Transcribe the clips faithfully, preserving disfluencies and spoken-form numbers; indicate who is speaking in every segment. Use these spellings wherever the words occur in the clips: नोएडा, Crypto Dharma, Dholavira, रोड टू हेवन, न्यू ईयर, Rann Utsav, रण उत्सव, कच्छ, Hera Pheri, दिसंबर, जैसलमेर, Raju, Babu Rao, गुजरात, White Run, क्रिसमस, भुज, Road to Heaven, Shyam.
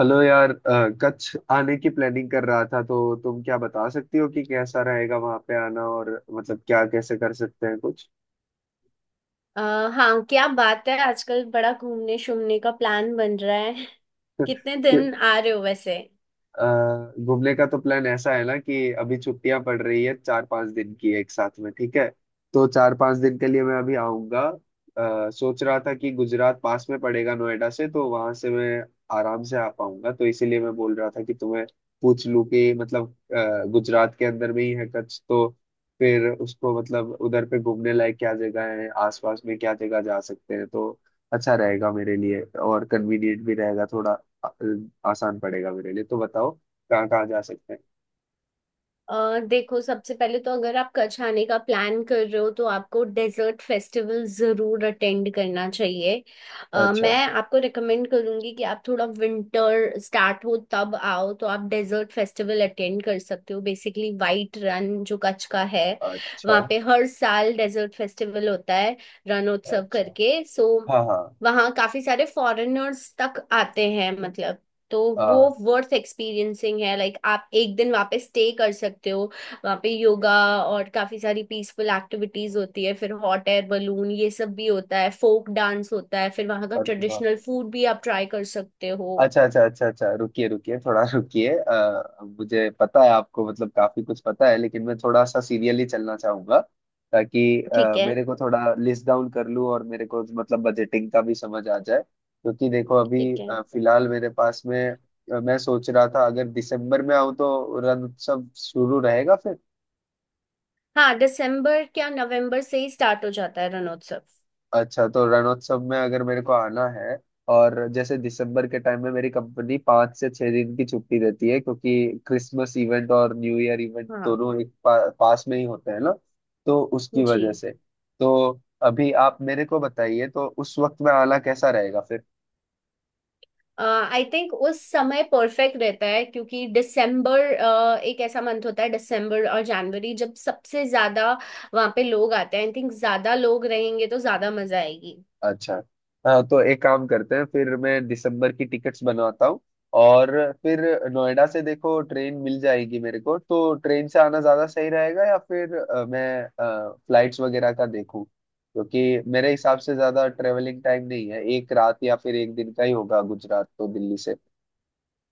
Speaker 1: Hello यार, अ, कच्छ आने की प्लानिंग कर रहा था तो तुम क्या बता सकती हो कि कैसा रहेगा वहां पे आना। और मतलब क्या, कैसे कर सकते हैं कुछ?
Speaker 2: अ, हाँ क्या बात है। आजकल बड़ा घूमने शूमने का प्लान बन रहा है। कितने
Speaker 1: कि
Speaker 2: दिन आ रहे हो वैसे?
Speaker 1: अ, घूमने का तो प्लान ऐसा है ना कि अभी छुट्टियां पड़ रही है, चार पांच दिन की एक साथ में, ठीक है। तो चार पांच दिन के लिए मैं अभी आऊंगा। अ, सोच रहा था कि गुजरात पास में पड़ेगा नोएडा से, तो वहां से मैं आराम से आ पाऊंगा। तो इसीलिए मैं बोल रहा था कि तुम्हें पूछ लूं कि मतलब, अ, गुजरात के अंदर में ही है कच्छ, तो फिर उसको मतलब उधर पे घूमने लायक क्या जगह है, आसपास में क्या जगह जा सकते हैं। तो अच्छा रहेगा मेरे लिए और कन्वीनियंट भी रहेगा, थोड़ा आ- आसान पड़ेगा मेरे लिए। तो बताओ कहाँ कहाँ जा सकते हैं।
Speaker 2: अ, देखो, सबसे पहले तो अगर आप कच्छ आने का प्लान कर रहे हो तो आपको डेजर्ट फेस्टिवल ज़रूर अटेंड करना चाहिए। अ,
Speaker 1: अच्छा,
Speaker 2: मैं आपको रिकमेंड करूँगी कि आप थोड़ा विंटर स्टार्ट हो तब आओ तो आप डेजर्ट फेस्टिवल अटेंड कर सकते हो, बेसिकली वाइट रन जो कच्छ का है।
Speaker 1: अच्छा,
Speaker 2: वहाँ पे हर साल डेजर्ट फेस्टिवल होता है, रणोत्सव
Speaker 1: अच्छा।
Speaker 2: करके। सो
Speaker 1: हाँ, हाँ।
Speaker 2: वहाँ काफ़ी सारे फॉरेनर्स तक आते हैं, मतलब, तो वो
Speaker 1: हाँ।
Speaker 2: वर्थ एक्सपीरियंसिंग है। लाइक आप एक दिन वहाँ पे स्टे कर सकते हो। वहाँ पे योगा और काफी सारी पीसफुल एक्टिविटीज होती है, फिर हॉट एयर बलून ये सब भी होता है, फोक डांस होता है, फिर वहाँ का
Speaker 1: अरे वाह!
Speaker 2: ट्रेडिशनल फूड भी आप ट्राई कर सकते हो।
Speaker 1: अच्छा अच्छा अच्छा अच्छा, रुकिए रुकिए थोड़ा रुकिए। अ, मुझे पता है आपको मतलब काफी कुछ पता है, लेकिन मैं थोड़ा सा सीरियली चलना चाहूंगा, ताकि
Speaker 2: ठीक
Speaker 1: अ,
Speaker 2: है,
Speaker 1: मेरे को थोड़ा लिस्ट डाउन कर लूँ, और मेरे को मतलब बजटिंग का भी समझ आ जाए। क्योंकि देखो अभी
Speaker 2: ठीक है।
Speaker 1: अ, फिलहाल मेरे पास में, अ, मैं सोच रहा था अगर दिसंबर में आऊँ तो रण उत्सव शुरू रहेगा फिर।
Speaker 2: हाँ, दिसंबर क्या नवंबर से ही स्टार्ट हो जाता है रणोत्सव।
Speaker 1: अच्छा, तो रणोत्सव में अगर मेरे को आना है, और जैसे दिसंबर के टाइम में मेरी कंपनी पाँच से छह दिन की छुट्टी देती है, क्योंकि क्रिसमस इवेंट और न्यू ईयर इवेंट
Speaker 2: हाँ
Speaker 1: दोनों एक पा, पास में ही होते हैं ना, तो उसकी
Speaker 2: जी।
Speaker 1: वजह से। तो अभी आप मेरे को बताइए तो उस वक्त में आना कैसा रहेगा।
Speaker 2: आई थिंक उस समय परफेक्ट रहता है क्योंकि दिसंबर एक ऐसा मंथ होता है, दिसंबर और जनवरी, जब सबसे ज्यादा वहाँ पे लोग आते हैं। आई थिंक ज्यादा लोग रहेंगे तो ज्यादा मजा आएगी।
Speaker 1: अच्छा। हाँ, तो एक काम करते हैं, फिर मैं दिसंबर की टिकट्स बनवाता हूँ। और फिर, नोएडा से देखो ट्रेन मिल जाएगी मेरे को, तो ट्रेन से आना ज़्यादा सही रहेगा, या फिर अ, मैं फ्लाइट्स वगैरह का देखूँ? क्योंकि मेरे हिसाब से ज़्यादा ट्रेवलिंग टाइम नहीं है, एक रात या फिर एक दिन का ही होगा गुजरात तो दिल्ली से,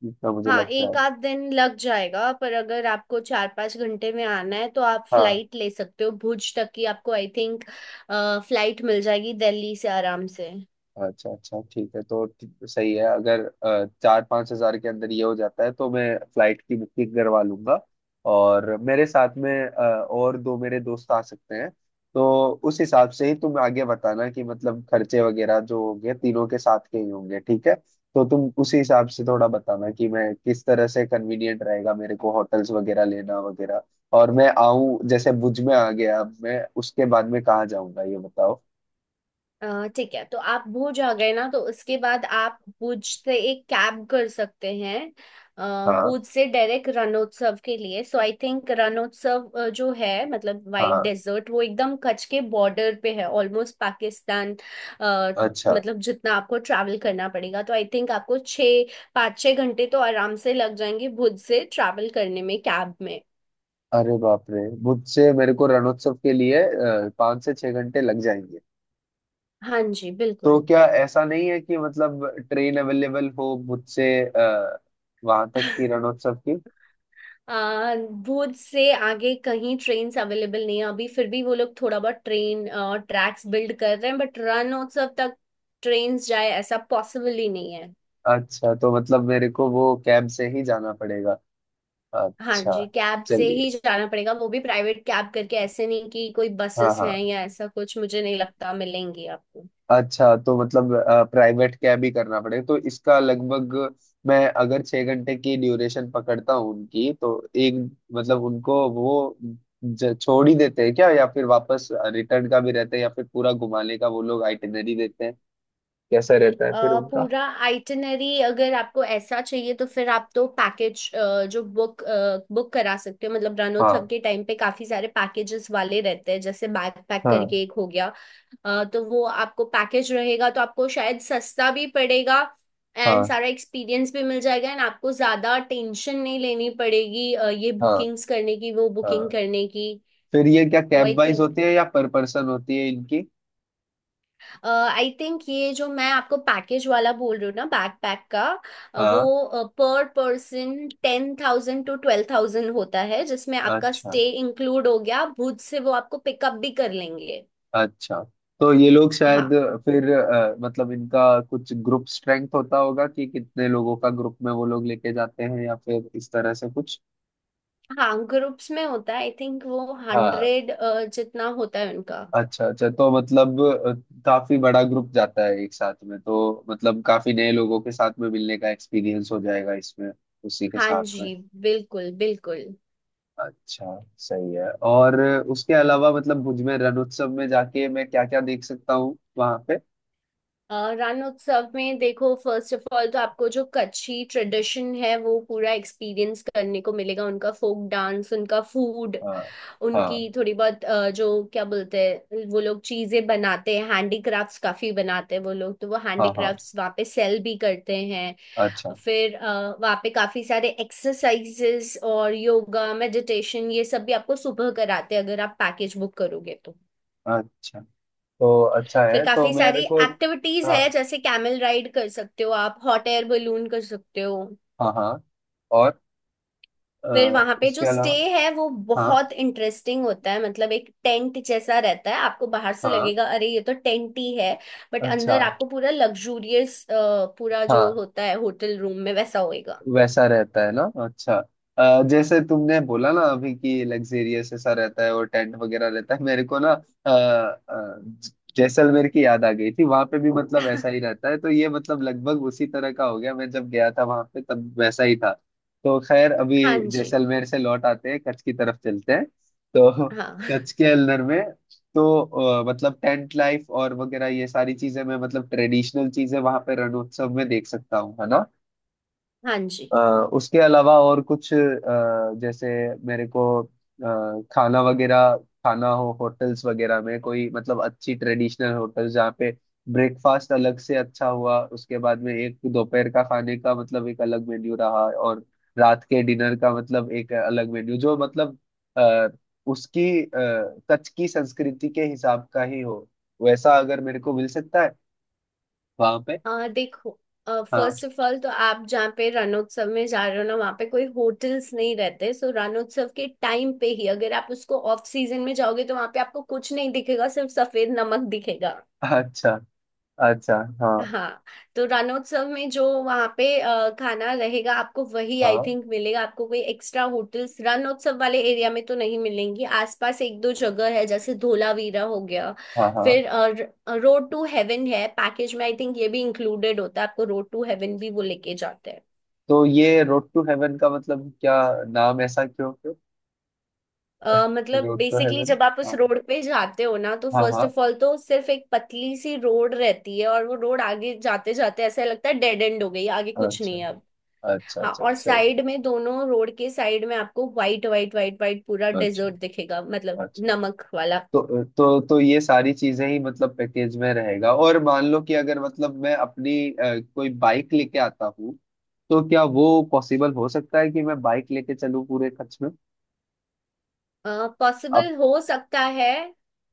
Speaker 1: जितना मुझे
Speaker 2: हाँ,
Speaker 1: लगता है।
Speaker 2: एक आध दिन लग जाएगा, पर अगर आपको चार पाँच घंटे में आना है तो आप
Speaker 1: हाँ।
Speaker 2: फ्लाइट ले सकते हो भुज तक की। आपको आई थिंक फ्लाइट मिल जाएगी दिल्ली से आराम से।
Speaker 1: अच्छा अच्छा, ठीक है, तो ठी- सही है। अगर अ, चार पाँच हजार के अंदर ये हो जाता है तो मैं फ्लाइट की बुकिंग करवा लूंगा। और मेरे साथ में अ, और दो मेरे दोस्त आ सकते हैं। तो उस हिसाब से ही तुम आगे बताना कि मतलब खर्चे वगैरह जो होंगे, तीनों के साथ के ही होंगे, ठीक है? तो तुम उसी हिसाब से थोड़ा बताना कि मैं किस तरह से, कन्वीनियंट रहेगा मेरे को होटल्स वगैरह लेना वगैरह, और मैं आऊं जैसे भुज में आ गया, अब मैं उसके बाद में कहाँ जाऊंगा, ये बताओ।
Speaker 2: अ, ठीक है, तो आप भुज आ गए ना तो उसके बाद आप भुज से एक कैब कर सकते हैं। अ,
Speaker 1: हाँ,
Speaker 2: भुज से डायरेक्ट रणोत्सव के लिए। सो आई थिंक रणोत्सव अ, जो है, मतलब वाइट
Speaker 1: हाँ।
Speaker 2: डेजर्ट, वो एकदम कच्छ के बॉर्डर पे है, ऑलमोस्ट पाकिस्तान। अ,
Speaker 1: अच्छा।
Speaker 2: मतलब जितना आपको ट्रैवल करना पड़ेगा, तो आई थिंक आपको छः पाँच छः घंटे तो आराम से लग जाएंगे भुज से ट्रैवल करने में, कैब में।
Speaker 1: अरे बाप रे! मुझसे, मेरे को रणोत्सव के लिए अ, पाँच से छह घंटे लग जाएंगे?
Speaker 2: हाँ जी
Speaker 1: तो
Speaker 2: बिल्कुल।
Speaker 1: क्या ऐसा नहीं है कि मतलब ट्रेन अवेलेबल हो मुझसे वहां तक की, रणोत्सव की?
Speaker 2: आ, भुज से आगे कहीं ट्रेन्स अवेलेबल नहीं है अभी। फिर भी वो लोग थोड़ा बहुत ट्रेन ट्रैक्स बिल्ड कर रहे हैं, बट रणोत्सव तक ट्रेन्स जाए ऐसा पॉसिबल ही नहीं है।
Speaker 1: अच्छा, तो मतलब मेरे को वो कैब से ही जाना पड़ेगा।
Speaker 2: हाँ
Speaker 1: अच्छा।
Speaker 2: जी, कैब से ही
Speaker 1: चलिए।
Speaker 2: जाना पड़ेगा, वो भी प्राइवेट कैब करके। ऐसे नहीं कि कोई
Speaker 1: हाँ,
Speaker 2: बसेस हैं
Speaker 1: हाँ।
Speaker 2: या ऐसा कुछ, मुझे नहीं लगता मिलेंगी आपको।
Speaker 1: अच्छा, तो मतलब प्राइवेट कैब ही करना पड़ेगा। तो इसका लगभग, मैं अगर छह घंटे की ड्यूरेशन पकड़ता हूँ उनकी, तो एक, मतलब उनको वो ज- छोड़ ही देते हैं क्या, या फिर वापस रिटर्न का भी रहता है, या फिर पूरा घुमाने का वो लोग आइटिनरी देते हैं? कैसा रहता है फिर
Speaker 2: अ,
Speaker 1: उनका?
Speaker 2: पूरा आइटिनरी अगर आपको ऐसा चाहिए तो फिर आप तो पैकेज जो बुक बुक करा सकते हो। मतलब रणोत्सव
Speaker 1: हाँ।
Speaker 2: के टाइम पे काफी सारे पैकेजेस वाले रहते हैं, जैसे बैकपैक
Speaker 1: हाँ।
Speaker 2: करके एक हो गया। अ, तो वो आपको पैकेज रहेगा तो आपको शायद सस्ता भी पड़ेगा, एंड
Speaker 1: हाँ,
Speaker 2: सारा एक्सपीरियंस भी मिल जाएगा, एंड आपको ज़्यादा टेंशन नहीं लेनी पड़ेगी अ, ये
Speaker 1: हाँ।
Speaker 2: बुकिंग्स करने की वो बुकिंग
Speaker 1: हाँ,
Speaker 2: करने की।
Speaker 1: फिर ये क्या
Speaker 2: तो आई
Speaker 1: कैब वाइज
Speaker 2: थिंक
Speaker 1: होती है या पर पर्सन होती है इनकी?
Speaker 2: आई थिंक ये जो मैं आपको पैकेज वाला बोल रही हूँ ना, बैकपैक का, अ,
Speaker 1: हाँ।
Speaker 2: वो पर person ten thousand to twelve thousand होता है, जिसमें आपका
Speaker 1: अच्छा
Speaker 2: स्टे इंक्लूड हो गया। भुज से वो आपको पिकअप भी कर लेंगे।
Speaker 1: अच्छा, तो ये लोग शायद
Speaker 2: हाँ,
Speaker 1: फिर अ, मतलब इनका कुछ ग्रुप स्ट्रेंथ होता होगा कि कितने लोगों का ग्रुप में वो लोग लेके जाते हैं, या फिर इस तरह से कुछ?
Speaker 2: हाँ ग्रुप्स में होता है। आई थिंक वो
Speaker 1: हाँ।
Speaker 2: हंड्रेड जितना होता है उनका।
Speaker 1: अच्छा अच्छा, तो मतलब अ, काफी बड़ा ग्रुप जाता है एक साथ में, तो मतलब काफी नए लोगों के साथ में मिलने का एक्सपीरियंस हो जाएगा इसमें, उसी के
Speaker 2: हाँ
Speaker 1: साथ में।
Speaker 2: जी, बिल्कुल बिल्कुल।
Speaker 1: अच्छा। सही है। और उसके अलावा मतलब भुज में, रण उत्सव में जाके मैं क्या क्या देख सकता हूँ वहां पे?
Speaker 2: अ, रण उत्सव में देखो, फर्स्ट ऑफ ऑल तो आपको जो कच्छी ट्रेडिशन है वो पूरा एक्सपीरियंस करने को मिलेगा, उनका फोक डांस, उनका फूड,
Speaker 1: हाँ।
Speaker 2: उनकी
Speaker 1: हाँ,
Speaker 2: थोड़ी बहुत अ, जो क्या बोलते हैं वो लोग, चीजें बनाते हैं, हैंडीक्राफ्ट्स काफी बनाते हैं वो लोग, तो वो
Speaker 1: हाँ। हाँ।
Speaker 2: हैंडीक्राफ्ट्स वहाँ पे सेल भी करते हैं। तो
Speaker 1: अच्छा।
Speaker 2: फिर अ, वहाँ पे काफी सारे एक्सरसाइजेस और योगा मेडिटेशन ये सब भी आपको सुबह कराते हैं, अगर आप पैकेज बुक करोगे तो।
Speaker 1: अच्छा, तो अच्छा
Speaker 2: फिर
Speaker 1: है। तो
Speaker 2: काफी
Speaker 1: मेरे
Speaker 2: सारी
Speaker 1: को,
Speaker 2: एक्टिविटीज
Speaker 1: हाँ,
Speaker 2: है, जैसे कैमल राइड कर सकते हो आप, हॉट एयर बलून कर सकते हो।
Speaker 1: हाँ। हाँ, और अ,
Speaker 2: फिर वहां पे जो
Speaker 1: उसके
Speaker 2: स्टे
Speaker 1: अलावा,
Speaker 2: है वो
Speaker 1: हाँ,
Speaker 2: बहुत इंटरेस्टिंग होता है, मतलब एक टेंट जैसा रहता है, आपको बाहर से
Speaker 1: हाँ।
Speaker 2: लगेगा अरे ये तो टेंट ही है, बट
Speaker 1: अच्छा।
Speaker 2: अंदर आपको पूरा लग्जूरियस, पूरा जो
Speaker 1: हाँ,
Speaker 2: होता है होटल रूम में वैसा होएगा।
Speaker 1: वैसा रहता है ना। अच्छा, अ, जैसे तुमने बोला ना अभी कि लग्जेरियस ऐसा रहता है और टेंट वगैरह रहता है, मेरे को ना अ, अ, ज- जैसलमेर की याद आ गई थी, वहां पे भी मतलब ऐसा ही रहता है। तो ये मतलब लगभग उसी तरह का हो गया, मैं जब गया था वहां पे तब वैसा ही था। तो खैर, अभी
Speaker 2: हाँ जी,
Speaker 1: जैसलमेर से लौट आते हैं, कच्छ की तरफ चलते हैं। तो
Speaker 2: हाँ
Speaker 1: कच्छ के अल्लर में, तो अ, मतलब टेंट लाइफ और वगैरह ये सारी चीजें, मैं मतलब ट्रेडिशनल चीजें वहां पे रणोत्सव में देख सकता हूँ, है ना?
Speaker 2: हाँ जी।
Speaker 1: अ, उसके अलावा और कुछ, अ, जैसे मेरे को अ, खाना वगैरह, खाना हो होटल्स वगैरह में, कोई मतलब अच्छी ट्रेडिशनल होटल जहाँ पे ब्रेकफास्ट अलग से अच्छा हुआ, उसके बाद में एक दोपहर का खाने का मतलब एक अलग मेन्यू रहा, और रात के डिनर का मतलब एक अलग मेन्यू जो मतलब आ, उसकी अ, कच्छ की संस्कृति के हिसाब का ही हो, वैसा अगर मेरे को मिल सकता है वहां पे।
Speaker 2: आ, देखो,
Speaker 1: हाँ।
Speaker 2: फर्स्ट ऑफ ऑल तो आप जहाँ पे रणोत्सव में जा रहे हो ना, वहाँ पे कोई होटल्स नहीं रहते। सो रणोत्सव के टाइम पे ही, अगर आप उसको ऑफ सीजन में जाओगे तो वहाँ पे आपको कुछ नहीं दिखेगा, सिर्फ सफेद नमक दिखेगा।
Speaker 1: अच्छा। अच्छा। हाँ।
Speaker 2: हाँ, तो रणोत्सव में जो वहाँ पे अ, खाना रहेगा आपको, वही आई
Speaker 1: हाँ,
Speaker 2: थिंक मिलेगा। आपको कोई एक्स्ट्रा होटल्स रणोत्सव वाले एरिया में तो नहीं मिलेंगी। आसपास एक दो जगह है, जैसे धोलावीरा हो गया,
Speaker 1: हाँ। हाँ।
Speaker 2: फिर रोड टू हेवन है। पैकेज में आई थिंक ये भी इंक्लूडेड होता है, आपको रोड टू हेवन भी वो लेके जाते हैं।
Speaker 1: तो ये रोड टू हेवन का मतलब क्या, नाम ऐसा क्यों क्यों?
Speaker 2: अ, मतलब
Speaker 1: रोड टू
Speaker 2: बेसिकली
Speaker 1: हेवन।
Speaker 2: जब आप उस
Speaker 1: हाँ,
Speaker 2: रोड पे जाते हो ना तो
Speaker 1: हाँ।
Speaker 2: फर्स्ट
Speaker 1: हाँ।
Speaker 2: ऑफ ऑल तो सिर्फ एक पतली सी रोड रहती है, और वो रोड आगे जाते जाते ऐसा लगता है डेड एंड हो गई, आगे कुछ
Speaker 1: अच्छा।
Speaker 2: नहीं है।
Speaker 1: अच्छा
Speaker 2: हाँ,
Speaker 1: अच्छा,
Speaker 2: और
Speaker 1: सही।
Speaker 2: साइड में, दोनों रोड के साइड में आपको व्हाइट व्हाइट व्हाइट व्हाइट पूरा
Speaker 1: अच्छा।
Speaker 2: डेजर्ट दिखेगा, मतलब
Speaker 1: अच्छा,
Speaker 2: नमक वाला।
Speaker 1: तो तो तो ये सारी चीजें ही मतलब पैकेज में रहेगा। और मान लो कि अगर मतलब मैं अपनी अ, कोई बाइक लेके आता हूँ, तो क्या वो पॉसिबल हो सकता है कि मैं बाइक लेके चलूँ पूरे खर्च में? अब।
Speaker 2: पॉसिबल हो सकता है,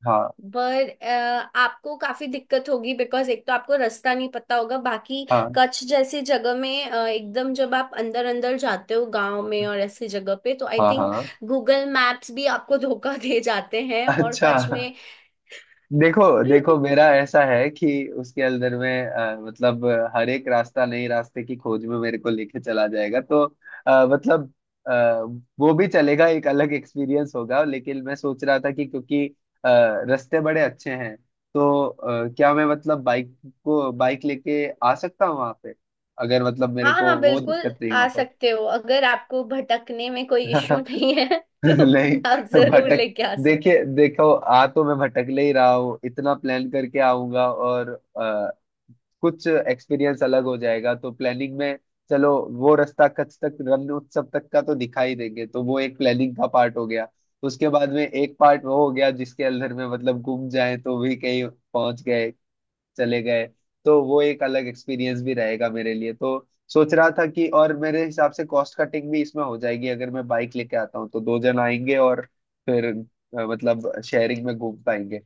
Speaker 1: हाँ।
Speaker 2: पर अ, आपको काफी दिक्कत होगी, बिकॉज एक तो आपको रास्ता नहीं पता होगा, बाकी
Speaker 1: हाँ,
Speaker 2: कच्छ जैसी जगह में अ, एकदम जब आप अंदर अंदर जाते हो गांव में और ऐसी जगह पे तो आई
Speaker 1: हाँ।
Speaker 2: थिंक
Speaker 1: हाँ।
Speaker 2: गूगल मैप्स भी आपको धोखा दे जाते हैं, और
Speaker 1: अच्छा।
Speaker 2: कच्छ में।
Speaker 1: देखो देखो, मेरा ऐसा है कि उसके अंदर में अ, मतलब अ, हर एक रास्ता नए रास्ते की खोज में मेरे को लेके चला जाएगा, तो अ, मतलब, अ, वो भी चलेगा, एक अलग एक्सपीरियंस होगा। लेकिन मैं सोच रहा था कि क्योंकि अ, रास्ते बड़े अच्छे हैं, तो अ, क्या मैं मतलब बाइक को बाइक लेके आ सकता हूँ वहां पे, अगर मतलब
Speaker 2: हाँ
Speaker 1: मेरे को
Speaker 2: हाँ,
Speaker 1: वो
Speaker 2: बिल्कुल
Speaker 1: दिक्कत नहीं हो
Speaker 2: आ
Speaker 1: तो?
Speaker 2: सकते हो, अगर आपको भटकने में कोई इश्यू नहीं है तो
Speaker 1: नहीं,
Speaker 2: आप जरूर
Speaker 1: भटक,
Speaker 2: लेके आ सकते
Speaker 1: देखिए देखो, आ तो मैं भटक ले ही रहा हूँ। इतना प्लान करके आऊंगा और अ, कुछ एक्सपीरियंस अलग हो जाएगा तो, प्लानिंग में। चलो, वो रास्ता कच्छ तक, रन उत्सव तक का तो दिखा ही देंगे, तो वो एक प्लानिंग का पार्ट हो गया। उसके बाद में एक पार्ट वो हो गया जिसके अंदर में मतलब घूम जाए तो भी कहीं पहुंच गए, चले गए, तो वो एक अलग एक्सपीरियंस भी रहेगा मेरे लिए। तो सोच रहा था कि, और मेरे हिसाब से कॉस्ट कटिंग भी इसमें हो जाएगी अगर मैं बाइक लेके आता हूँ, तो दो जन आएंगे और फिर अ, मतलब शेयरिंग में घूम पाएंगे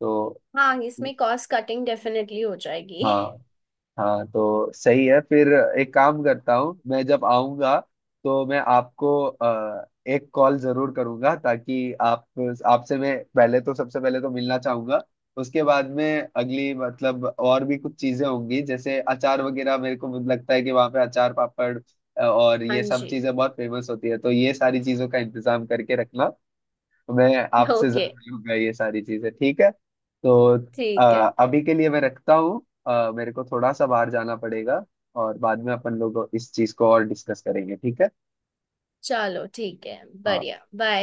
Speaker 1: तो।
Speaker 2: हो। हाँ, इसमें कॉस्ट कटिंग डेफिनेटली हो जाएगी।
Speaker 1: हाँ, हाँ। तो सही है फिर। एक काम करता हूँ, मैं जब आऊंगा तो मैं आपको अ, एक कॉल जरूर करूंगा, ताकि आप, आपसे मैं पहले तो, सबसे पहले तो मिलना चाहूंगा। उसके बाद में अगली, मतलब और भी कुछ चीजें होंगी जैसे अचार वगैरह, मेरे को लगता है कि वहाँ पे अचार पापड़ अ, और
Speaker 2: हाँ
Speaker 1: ये सब
Speaker 2: जी।
Speaker 1: चीजें बहुत फेमस होती है, तो ये सारी चीजों का इंतजाम करके रखना, तो मैं आपसे
Speaker 2: ओके,
Speaker 1: जरूर लूंगा ये सारी चीजें, ठीक है? तो अ,
Speaker 2: ठीक है।
Speaker 1: अभी के लिए मैं रखता हूँ। अ, मेरे को थोड़ा सा बाहर जाना पड़ेगा, और बाद में अपन लोग इस चीज को और डिस्कस करेंगे, ठीक है?
Speaker 2: चलो, ठीक है,
Speaker 1: हाँ।
Speaker 2: बढ़िया, बाय।